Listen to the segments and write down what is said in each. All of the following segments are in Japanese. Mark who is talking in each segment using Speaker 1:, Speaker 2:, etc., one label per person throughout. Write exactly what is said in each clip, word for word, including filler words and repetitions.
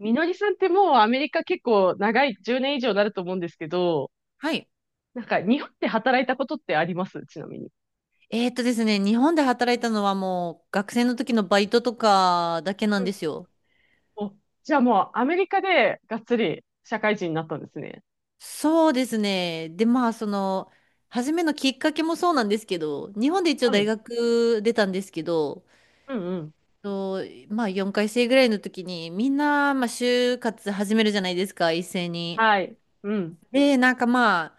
Speaker 1: みのりさんってもうアメリカ結構長い、じゅうねん以上になると思うんですけど、
Speaker 2: はい。
Speaker 1: なんか日本で働いたことってありますちなみに。
Speaker 2: えーっとですね、日本で働いたのはもう学生の時のバイトとかだけな
Speaker 1: う
Speaker 2: ん
Speaker 1: ん。
Speaker 2: ですよ。
Speaker 1: お、じゃあもうアメリカでがっつり社会人になったんですね。
Speaker 2: そうですね。で、まあ、その、初めのきっかけもそうなんですけど、日本で一応
Speaker 1: は
Speaker 2: 大
Speaker 1: い。
Speaker 2: 学出たんですけど、
Speaker 1: うんうん。
Speaker 2: と、まあ、よんかいせい生ぐらいの時に、みんな、まあ、就活始めるじゃないですか、一斉に。
Speaker 1: はい。うん。
Speaker 2: で、なんかまあ、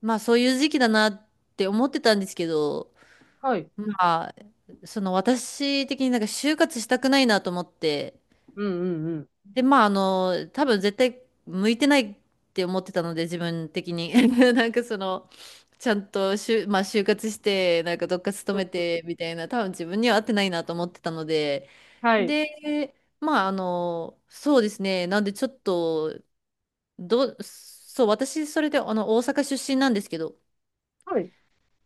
Speaker 2: まあ、そういう時期だなって思ってたんですけど、
Speaker 1: はい。
Speaker 2: まあ、その私的になんか就活したくないなと思って、
Speaker 1: うんうんうん。
Speaker 2: で、まあ、あの、多分絶対向いてないって思ってたので、自分的に。なんかその、ちゃんとしゅ、まあ、就活して、なんかどっか勤
Speaker 1: う
Speaker 2: め
Speaker 1: ん。
Speaker 2: てみたいな、多分自分には合ってないなと思ってたので、
Speaker 1: はい。
Speaker 2: で、まあ、あの、そうですね。なんでちょっと、どそう、私、それで、あの、大阪出身なんですけど、
Speaker 1: はい。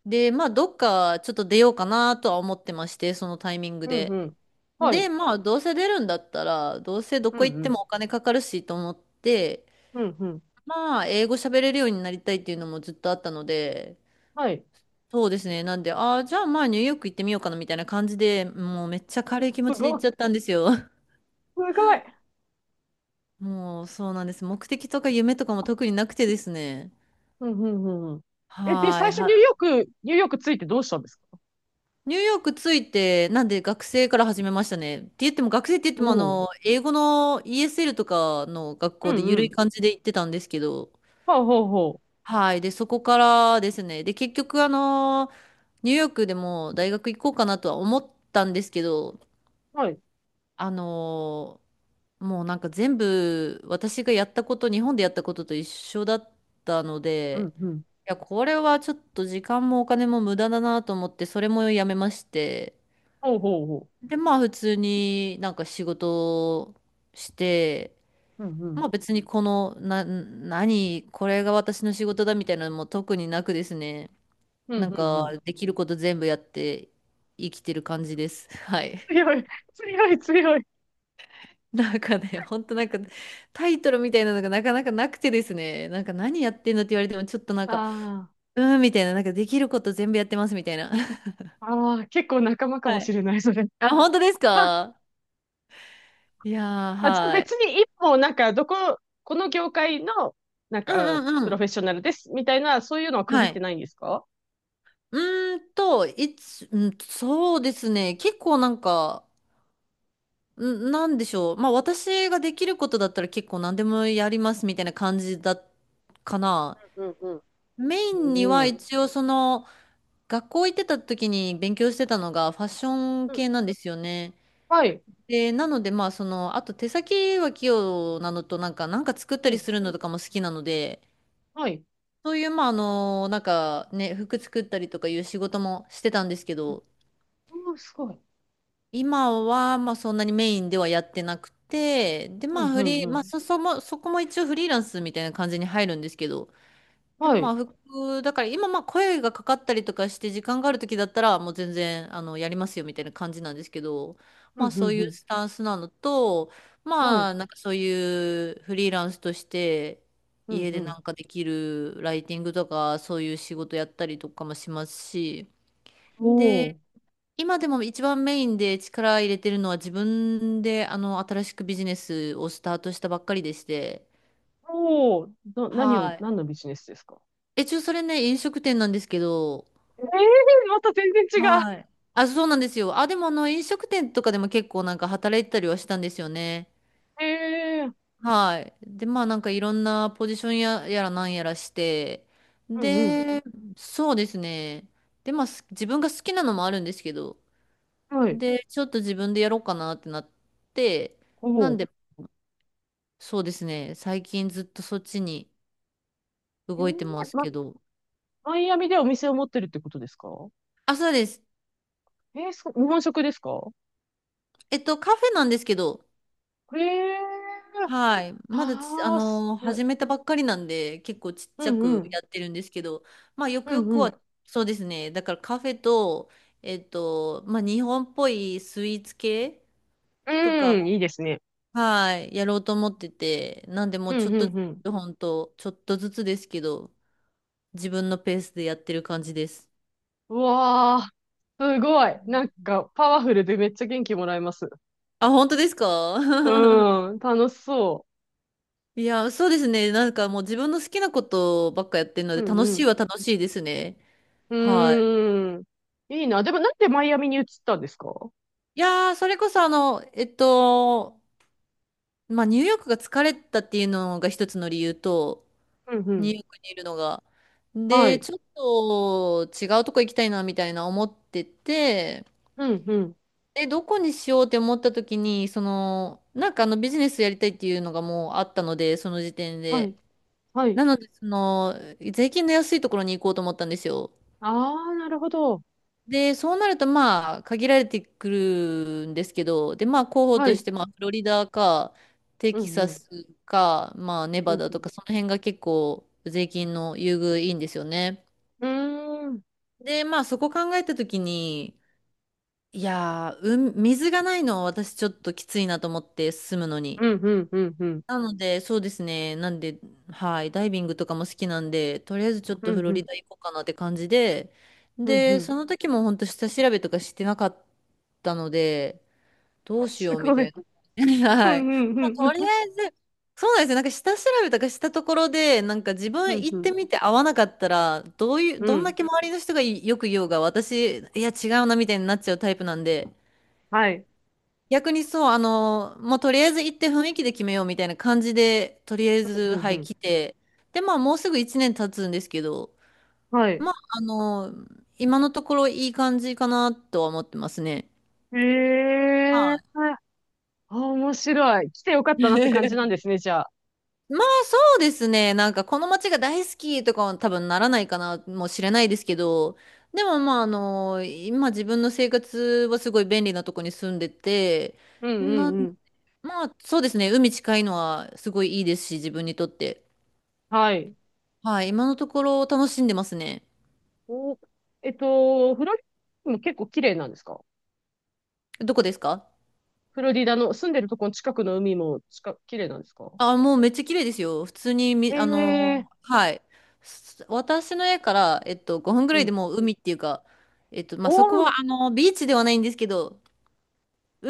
Speaker 2: で、まあ、どっかちょっと出ようかなとは思ってまして、そのタイミング
Speaker 1: うんう
Speaker 2: で。
Speaker 1: ん。は
Speaker 2: で、
Speaker 1: い。
Speaker 2: まあ、どうせ出るんだったら、どうせど
Speaker 1: う
Speaker 2: こ
Speaker 1: ん
Speaker 2: 行っ
Speaker 1: う
Speaker 2: て
Speaker 1: ん。
Speaker 2: もお金かかるしと思って、
Speaker 1: うんうん。
Speaker 2: まあ、英語喋れるようになりたいっていうのもずっとあったので、
Speaker 1: はい。
Speaker 2: そうですね。なんで、ああ、じゃあまあニューヨーク行ってみようかなみたいな感じで、もうめっちゃ軽い気持
Speaker 1: す
Speaker 2: ちで行
Speaker 1: ご
Speaker 2: っ
Speaker 1: い。
Speaker 2: ち
Speaker 1: す
Speaker 2: ゃったんですよ。
Speaker 1: ごい。
Speaker 2: もうそうなんです。目的とか夢とかも特になくてですね。
Speaker 1: うんうんうんうん。え、で、
Speaker 2: は
Speaker 1: 最
Speaker 2: ーい、
Speaker 1: 初ニ
Speaker 2: は
Speaker 1: ュ
Speaker 2: い。
Speaker 1: ーヨーク、ニューヨークついてどうしたんですか？
Speaker 2: ニューヨーク着いて、なんで学生から始めましたね。って言っても学生って言って
Speaker 1: お
Speaker 2: もあ
Speaker 1: おう。
Speaker 2: の、英語の イーエスエル とかの学
Speaker 1: う
Speaker 2: 校で
Speaker 1: んう
Speaker 2: 緩い
Speaker 1: ん。
Speaker 2: 感じで行ってたんですけど、
Speaker 1: ほうほうほ
Speaker 2: はい。で、そこからですね。で、結局あの、ニューヨークでも大学行こうかなとは思ったんですけど、
Speaker 1: う。
Speaker 2: あのーもうなんか全部私がやったこと、日本でやったことと一緒だったの
Speaker 1: うん
Speaker 2: で、
Speaker 1: うん。
Speaker 2: いや、これはちょっと時間もお金も無駄だなと思って、それもやめまして、
Speaker 1: ほうほうほ
Speaker 2: で、まあ普通になんか仕事をして、
Speaker 1: う。うんう
Speaker 2: ま
Speaker 1: ん。
Speaker 2: あ別にこの、な、何、これが私の仕事だみたいなのも特になくですね、
Speaker 1: うん
Speaker 2: なん
Speaker 1: うんう
Speaker 2: か
Speaker 1: ん。
Speaker 2: できること全部やって生きてる感じです。はい。
Speaker 1: 強い、強い、強い。
Speaker 2: なんかね、ほんとなんかタイトルみたいなのがなかなかなくてですね、なんか何やってんのって言われてもちょっとなんか、
Speaker 1: あ
Speaker 2: うーんみたいな、なんかできること全部やってますみたいな。
Speaker 1: あ、ああ、結構仲間かも
Speaker 2: は
Speaker 1: し
Speaker 2: い。
Speaker 1: れない、それ。
Speaker 2: あ、本当です
Speaker 1: あ、
Speaker 2: か？いやー、
Speaker 1: あじゃあ
Speaker 2: は
Speaker 1: 別
Speaker 2: い。
Speaker 1: に一本、なんか、どこ、この業界の、なん
Speaker 2: う
Speaker 1: か、
Speaker 2: んうん
Speaker 1: プ
Speaker 2: う
Speaker 1: ロフ
Speaker 2: ん。
Speaker 1: ェッショナルです、みたいな、そういうのは区切
Speaker 2: は
Speaker 1: って
Speaker 2: い。
Speaker 1: ないんですか？
Speaker 2: うーんと、いつ、うん、そうですね、結構なんか、ん、なんでしょう。まあ私ができることだったら結構何でもやりますみたいな感じだ、かな。
Speaker 1: うんうん。
Speaker 2: メインに
Speaker 1: お
Speaker 2: は
Speaker 1: お
Speaker 2: 一応その、学校行ってた時に勉強してたのがファッション
Speaker 1: ー。うん。
Speaker 2: 系なんですよね。
Speaker 1: はい。
Speaker 2: で、なのでまあその、あと手先は器用なのとなんか、なんか作った
Speaker 1: う
Speaker 2: り
Speaker 1: ん。
Speaker 2: するのとかも好きなので、
Speaker 1: はい。
Speaker 2: そういうまああの、なんかね、服作ったりとかいう仕事もしてたんですけ
Speaker 1: うん。
Speaker 2: ど、
Speaker 1: おー、すごい。
Speaker 2: 今はまあそんなにメインではやってなくて、で
Speaker 1: う
Speaker 2: まあ
Speaker 1: んう
Speaker 2: フ
Speaker 1: ん
Speaker 2: リ
Speaker 1: う
Speaker 2: ー、まあ
Speaker 1: ん。
Speaker 2: そ、そも、そこも一応フリーランスみたいな感じに入るんですけど、でも
Speaker 1: は
Speaker 2: ま
Speaker 1: い。
Speaker 2: あ服、だから今まあ声がかかったりとかして時間がある時だったらもう全然あのやりますよみたいな感じなんですけど、
Speaker 1: う
Speaker 2: まあ
Speaker 1: んう
Speaker 2: そう
Speaker 1: ん
Speaker 2: い
Speaker 1: う
Speaker 2: う
Speaker 1: ん。
Speaker 2: スタンスなのと、
Speaker 1: はい。
Speaker 2: まあなんかそういうフリーランスとして
Speaker 1: うん
Speaker 2: 家
Speaker 1: う
Speaker 2: で
Speaker 1: ん。
Speaker 2: なんかできるライティングとかそういう仕事やったりとかもしますし、
Speaker 1: お
Speaker 2: で、
Speaker 1: お。
Speaker 2: 今でも一番メインで力入れてるのは自分であの新しくビジネスをスタートしたばっかりでして、
Speaker 1: おお。な、何を、
Speaker 2: はい。
Speaker 1: 何のビジネスですか？
Speaker 2: え、ちょ、それね、飲食店なんですけど、
Speaker 1: ええー、また全然違う。
Speaker 2: はい。あ、そうなんですよ。あ、でもあの飲食店とかでも結構なんか働いてたりはしたんですよね。
Speaker 1: ええー。
Speaker 2: はい。で、まあなんかいろんなポジションや、やらなんやらして。
Speaker 1: うんうん。
Speaker 2: で、そうですね。で、まあす自分が好きなのもあるんですけど、
Speaker 1: はい。
Speaker 2: で、ちょっと自分でやろうかなってなって、な
Speaker 1: お
Speaker 2: ん
Speaker 1: う。
Speaker 2: で、そうですね。最近ずっとそっちに
Speaker 1: ええ
Speaker 2: 動
Speaker 1: ー。
Speaker 2: いてます
Speaker 1: ま、
Speaker 2: けど。
Speaker 1: マイアミでお店を持ってるってことですか？
Speaker 2: あ、そうです。
Speaker 1: ええー、そう、日本食ですか？
Speaker 2: えっと、カフェなんですけど、
Speaker 1: ええ
Speaker 2: はい。
Speaker 1: ー。
Speaker 2: まだち、あ
Speaker 1: ああす
Speaker 2: のー
Speaker 1: ごい。
Speaker 2: 始めたばっかりなんで、結構ちっ
Speaker 1: う
Speaker 2: ちゃ
Speaker 1: んう
Speaker 2: く
Speaker 1: ん。
Speaker 2: やってるんですけど、まあ、よく
Speaker 1: う
Speaker 2: よ
Speaker 1: ん
Speaker 2: く
Speaker 1: うん。
Speaker 2: は、そうですね。だからカフェと、えっと、まあ、日本っぽいスイーツ系とか
Speaker 1: うん、い
Speaker 2: を、
Speaker 1: いですね。
Speaker 2: はい、やろうと思ってて、なんでも
Speaker 1: う
Speaker 2: うちょ
Speaker 1: ん
Speaker 2: っ
Speaker 1: う
Speaker 2: とず
Speaker 1: んうん。
Speaker 2: つ、ほんと、ちょっとずつですけど、自分のペースでやってる感じです。
Speaker 1: うわあ、すごい。なんか、パワフルでめっちゃ元気もらえます。
Speaker 2: あ、本当ですか？
Speaker 1: うん、楽しそ
Speaker 2: いや、そうですね。なんかもう自分の好きなことばっかやってるの
Speaker 1: う。
Speaker 2: で、
Speaker 1: うん
Speaker 2: 楽
Speaker 1: う
Speaker 2: しい
Speaker 1: ん。
Speaker 2: は楽しいですね。
Speaker 1: う
Speaker 2: はい。
Speaker 1: ーん。いいな。でもなんでマイアミに移ったんですか？
Speaker 2: いやー、それこそあの、えっと、まあ、ニューヨークが疲れたっていうのが一つの理由と、
Speaker 1: うんう
Speaker 2: ニュー
Speaker 1: ん。
Speaker 2: ヨークにいるのが。
Speaker 1: は
Speaker 2: で、
Speaker 1: い。
Speaker 2: ちょっと違うとこ行きたいなみたいな思ってて、
Speaker 1: うん、うん。
Speaker 2: で、どこにしようって思った時に、その、なんかあのビジネスやりたいっていうのがもうあったので、その時点
Speaker 1: はい、
Speaker 2: で。
Speaker 1: はい。
Speaker 2: なので、その、税金の安いところに行こうと思ったんですよ。
Speaker 1: ああ、なるほど。
Speaker 2: で、そうなると、まあ、限られてくるんですけど、で、まあ、候補
Speaker 1: は
Speaker 2: とし
Speaker 1: い。
Speaker 2: て、まあ、フロリダか、テ
Speaker 1: う
Speaker 2: キ
Speaker 1: ん、
Speaker 2: サ
Speaker 1: うん、
Speaker 2: スか、まあ、ネ
Speaker 1: う
Speaker 2: バ
Speaker 1: ん、
Speaker 2: ダ
Speaker 1: う
Speaker 2: と
Speaker 1: ん。
Speaker 2: か、その辺が結構、税金の優遇いいんですよね。
Speaker 1: うーん、
Speaker 2: で、まあ、そこ考えたときに、いやー、うん、水がないのは私ちょっときついなと思って、住むのに。
Speaker 1: うん、うん、うん、うん。
Speaker 2: なので、そうですね。なんで、はい、ダイビングとかも好きなんで、とりあえずちょっ
Speaker 1: う
Speaker 2: とフ
Speaker 1: ん、
Speaker 2: ロ
Speaker 1: う
Speaker 2: リ
Speaker 1: ん、
Speaker 2: ダ行こうかなって感じで、
Speaker 1: うん、う
Speaker 2: で、
Speaker 1: ん。
Speaker 2: その時も本当下調べとかしてなかったので、どうし
Speaker 1: す
Speaker 2: ようみ
Speaker 1: ご
Speaker 2: た
Speaker 1: い。
Speaker 2: いな。
Speaker 1: うん、
Speaker 2: はい。
Speaker 1: うん、う
Speaker 2: まあと
Speaker 1: ん、う
Speaker 2: り
Speaker 1: ん、
Speaker 2: あえず、そうなんですよ。なんか下調べとかしたところで、なんか自分
Speaker 1: うん、
Speaker 2: 行
Speaker 1: う
Speaker 2: っ
Speaker 1: ん。
Speaker 2: てみて合わなかったら、どういう、
Speaker 1: う
Speaker 2: どんだ
Speaker 1: ん。
Speaker 2: け周りの人がよく言おうが、私、いや違うなみたいになっちゃうタイプなんで、
Speaker 1: はい。
Speaker 2: 逆にそう、あの、もうとりあえず行って雰囲気で決めようみたいな感じで、とりあえ
Speaker 1: う
Speaker 2: ず、
Speaker 1: ん、
Speaker 2: は
Speaker 1: う
Speaker 2: い、
Speaker 1: ん。
Speaker 2: 来て、で、まあ、もうすぐいちねん経つんですけど、
Speaker 1: はい。
Speaker 2: まあ、あの、今のところいい感じかなとは思ってますね。
Speaker 1: ええー。
Speaker 2: は
Speaker 1: あ、面白い。来てよかっ
Speaker 2: い。
Speaker 1: たなって感じなん ですね、じゃあ。
Speaker 2: まあ、そうですね。なんか、この街が大好きとかは多分ならないかな、もしれないですけど、でも、まあ、あの、今自分の生活はすごい便利なとこに住んでて、
Speaker 1: うん、うん、
Speaker 2: な、
Speaker 1: うん。
Speaker 2: まあ、そうですね。海近いのはすごいいいですし、自分にとって。
Speaker 1: はい。
Speaker 2: はい、今のところ楽しんでますね。
Speaker 1: お、えっと、フロリダも結構綺麗なんですか？
Speaker 2: どこですか？
Speaker 1: フロリダの住んでるとこの近くの海も近、綺麗なんですか？
Speaker 2: あ、もうめっちゃ綺麗ですよ。普通に
Speaker 1: え
Speaker 2: み、あ
Speaker 1: えー。
Speaker 2: のはい。す私の家から、えっと、ごふんぐ
Speaker 1: う
Speaker 2: らいで
Speaker 1: ん。
Speaker 2: もう海っていうか、えっと、ま
Speaker 1: お
Speaker 2: あ、そこは、
Speaker 1: ー、
Speaker 2: あの、ビーチではないんですけど、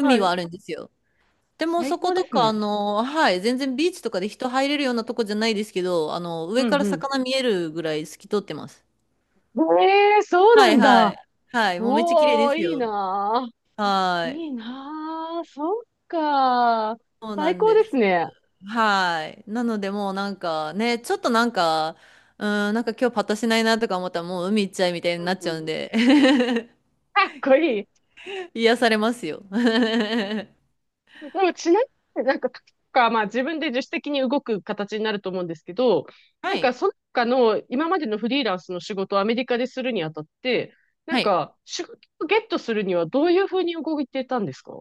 Speaker 1: は
Speaker 2: は
Speaker 1: い。
Speaker 2: あるんですよ。でも、そ
Speaker 1: 最
Speaker 2: こ
Speaker 1: 高で
Speaker 2: と
Speaker 1: す
Speaker 2: か、あ
Speaker 1: ね。
Speaker 2: のはい、全然ビーチとかで人入れるようなとこじゃないですけど、あの、
Speaker 1: う
Speaker 2: 上から
Speaker 1: ん
Speaker 2: 魚見えるぐらい透き通ってます。
Speaker 1: うん。ええー、そう
Speaker 2: は
Speaker 1: な
Speaker 2: い、
Speaker 1: ん
Speaker 2: は
Speaker 1: だ。
Speaker 2: い。はい、もうめっちゃ綺麗で
Speaker 1: おー、
Speaker 2: す
Speaker 1: いい
Speaker 2: よ。
Speaker 1: なー。
Speaker 2: はい。
Speaker 1: いいなー。そっかー。
Speaker 2: そうな
Speaker 1: 最
Speaker 2: ん
Speaker 1: 高
Speaker 2: で
Speaker 1: です
Speaker 2: す。
Speaker 1: ね。
Speaker 2: はい。なのでもうなんかね、ちょっとなんか、うん、なんか今日パッとしないなとか思ったらもう海行っちゃいみたいに
Speaker 1: う
Speaker 2: な
Speaker 1: ん
Speaker 2: っち
Speaker 1: う
Speaker 2: ゃうん
Speaker 1: ん。
Speaker 2: で
Speaker 1: かっこいい。
Speaker 2: 癒されますよ。は
Speaker 1: でもちなみになんか、か、まあ自分で自主的に動く形になると思うんですけど、なん
Speaker 2: い。
Speaker 1: かその他の今までのフリーランスの仕事をアメリカでするにあたって、なん
Speaker 2: はい。
Speaker 1: か仕事をゲットするにはどういうふうに動いてたんですか？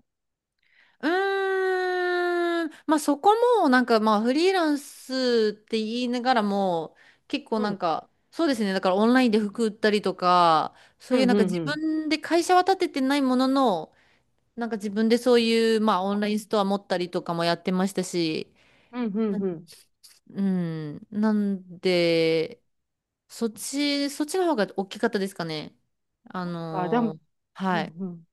Speaker 2: うーん。まあそこもなんかまあフリーランスって言いながらも結構
Speaker 1: う
Speaker 2: なん
Speaker 1: ん。
Speaker 2: かそうですね。だからオンラインで服売ったりとか、そ
Speaker 1: う
Speaker 2: ういう
Speaker 1: ん
Speaker 2: な
Speaker 1: う
Speaker 2: んか
Speaker 1: んう
Speaker 2: 自
Speaker 1: ん。
Speaker 2: 分で会社は立ててないものの、なんか自分でそういうまあオンラインストア持ったりとかもやってましたし、
Speaker 1: うんうんうん。
Speaker 2: うん。なんで、そっち、そっちの方が大きかったですかね。あ
Speaker 1: あ、でも、
Speaker 2: のー
Speaker 1: うんう
Speaker 2: はい。
Speaker 1: ん。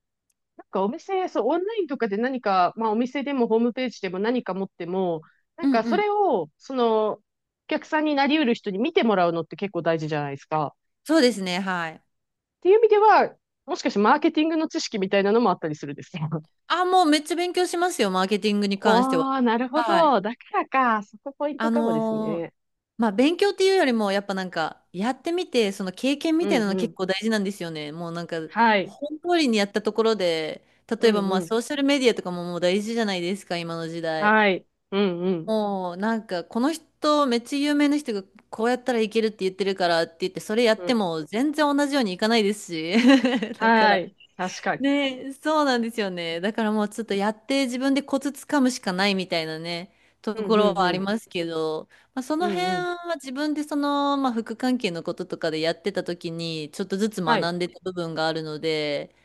Speaker 1: なんかお店、そう、オンラインとかで何か、まあお店でもホームページでも何か持っても、な
Speaker 2: う
Speaker 1: ん
Speaker 2: ん
Speaker 1: か
Speaker 2: う
Speaker 1: そ
Speaker 2: ん。
Speaker 1: れを、その、お客さんになりうる人に見てもらうのって結構大事じゃないですか。
Speaker 2: そうですね、はい。
Speaker 1: っていう意味では、もしかしてマーケティングの知識みたいなのもあったりするんですよ。
Speaker 2: あ、もうめっちゃ勉強しますよ、マーケティングに関しては。
Speaker 1: おー、なるほ
Speaker 2: はい。
Speaker 1: ど。だからか。そこポイント
Speaker 2: あ
Speaker 1: かもです
Speaker 2: のー
Speaker 1: ね。
Speaker 2: まあ、勉強っていうよりも、やっぱなんか、やってみて、その経験
Speaker 1: う
Speaker 2: みたい
Speaker 1: ん
Speaker 2: なの
Speaker 1: う
Speaker 2: 結
Speaker 1: ん。
Speaker 2: 構大事なんですよね。もうなんか、
Speaker 1: はい。
Speaker 2: 本通りにやったところで、
Speaker 1: う
Speaker 2: 例えば
Speaker 1: んう
Speaker 2: まあ、
Speaker 1: ん。
Speaker 2: ソーシャルメディアとかももう大事じゃないですか、今の時代。
Speaker 1: はい。うんうん。
Speaker 2: もうなんかこの人めっちゃ有名な人がこうやったらいけるって言ってるからって言ってそれやっ
Speaker 1: う
Speaker 2: て
Speaker 1: ん。
Speaker 2: も全然同じようにいかないですし だか
Speaker 1: は
Speaker 2: ら
Speaker 1: い。確かに。
Speaker 2: ねそうなんですよねだからもうちょっとやって自分でコツつかむしかないみたいなねと
Speaker 1: うん
Speaker 2: こ
Speaker 1: う
Speaker 2: ろ
Speaker 1: んう
Speaker 2: はあり
Speaker 1: ん。
Speaker 2: ますけど、まあ、そ
Speaker 1: う
Speaker 2: の辺
Speaker 1: んうん。
Speaker 2: は自分でその、まあ、副関係のこととかでやってた時にちょっとずつ
Speaker 1: はい。
Speaker 2: 学んでた部分があるので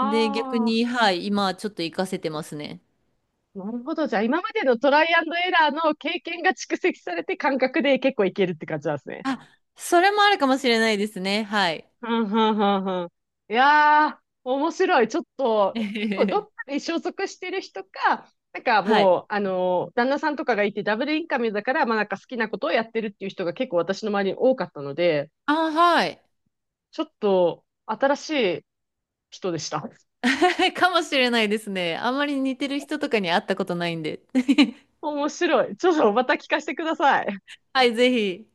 Speaker 2: で逆
Speaker 1: あ。
Speaker 2: にはい今はちょっと活かせてますね
Speaker 1: なるほど。じゃあ、今までのトライアンドエラーの経験が蓄積されて感覚で結構いけるって感じなんですね。
Speaker 2: あそれもあるかもしれないですねはい
Speaker 1: はんはんはんはん。いやー、面白い。ちょっ と、
Speaker 2: えへ
Speaker 1: ど
Speaker 2: へ
Speaker 1: っ
Speaker 2: へ
Speaker 1: かに所属してる人か、なんか
Speaker 2: は
Speaker 1: も
Speaker 2: い。
Speaker 1: う、あのー旦那さんとかがいてダブルインカムだから、まあなんか好きなことをやってるっていう人が結構私の周りに多かったので、
Speaker 2: あ、はい。
Speaker 1: ちょっと新しい人でした。
Speaker 2: かもしれないですね。あんまり似てる人とかに会ったことないんで。
Speaker 1: 面白い。ちょっとまた聞かせてください。
Speaker 2: はい、ぜひ。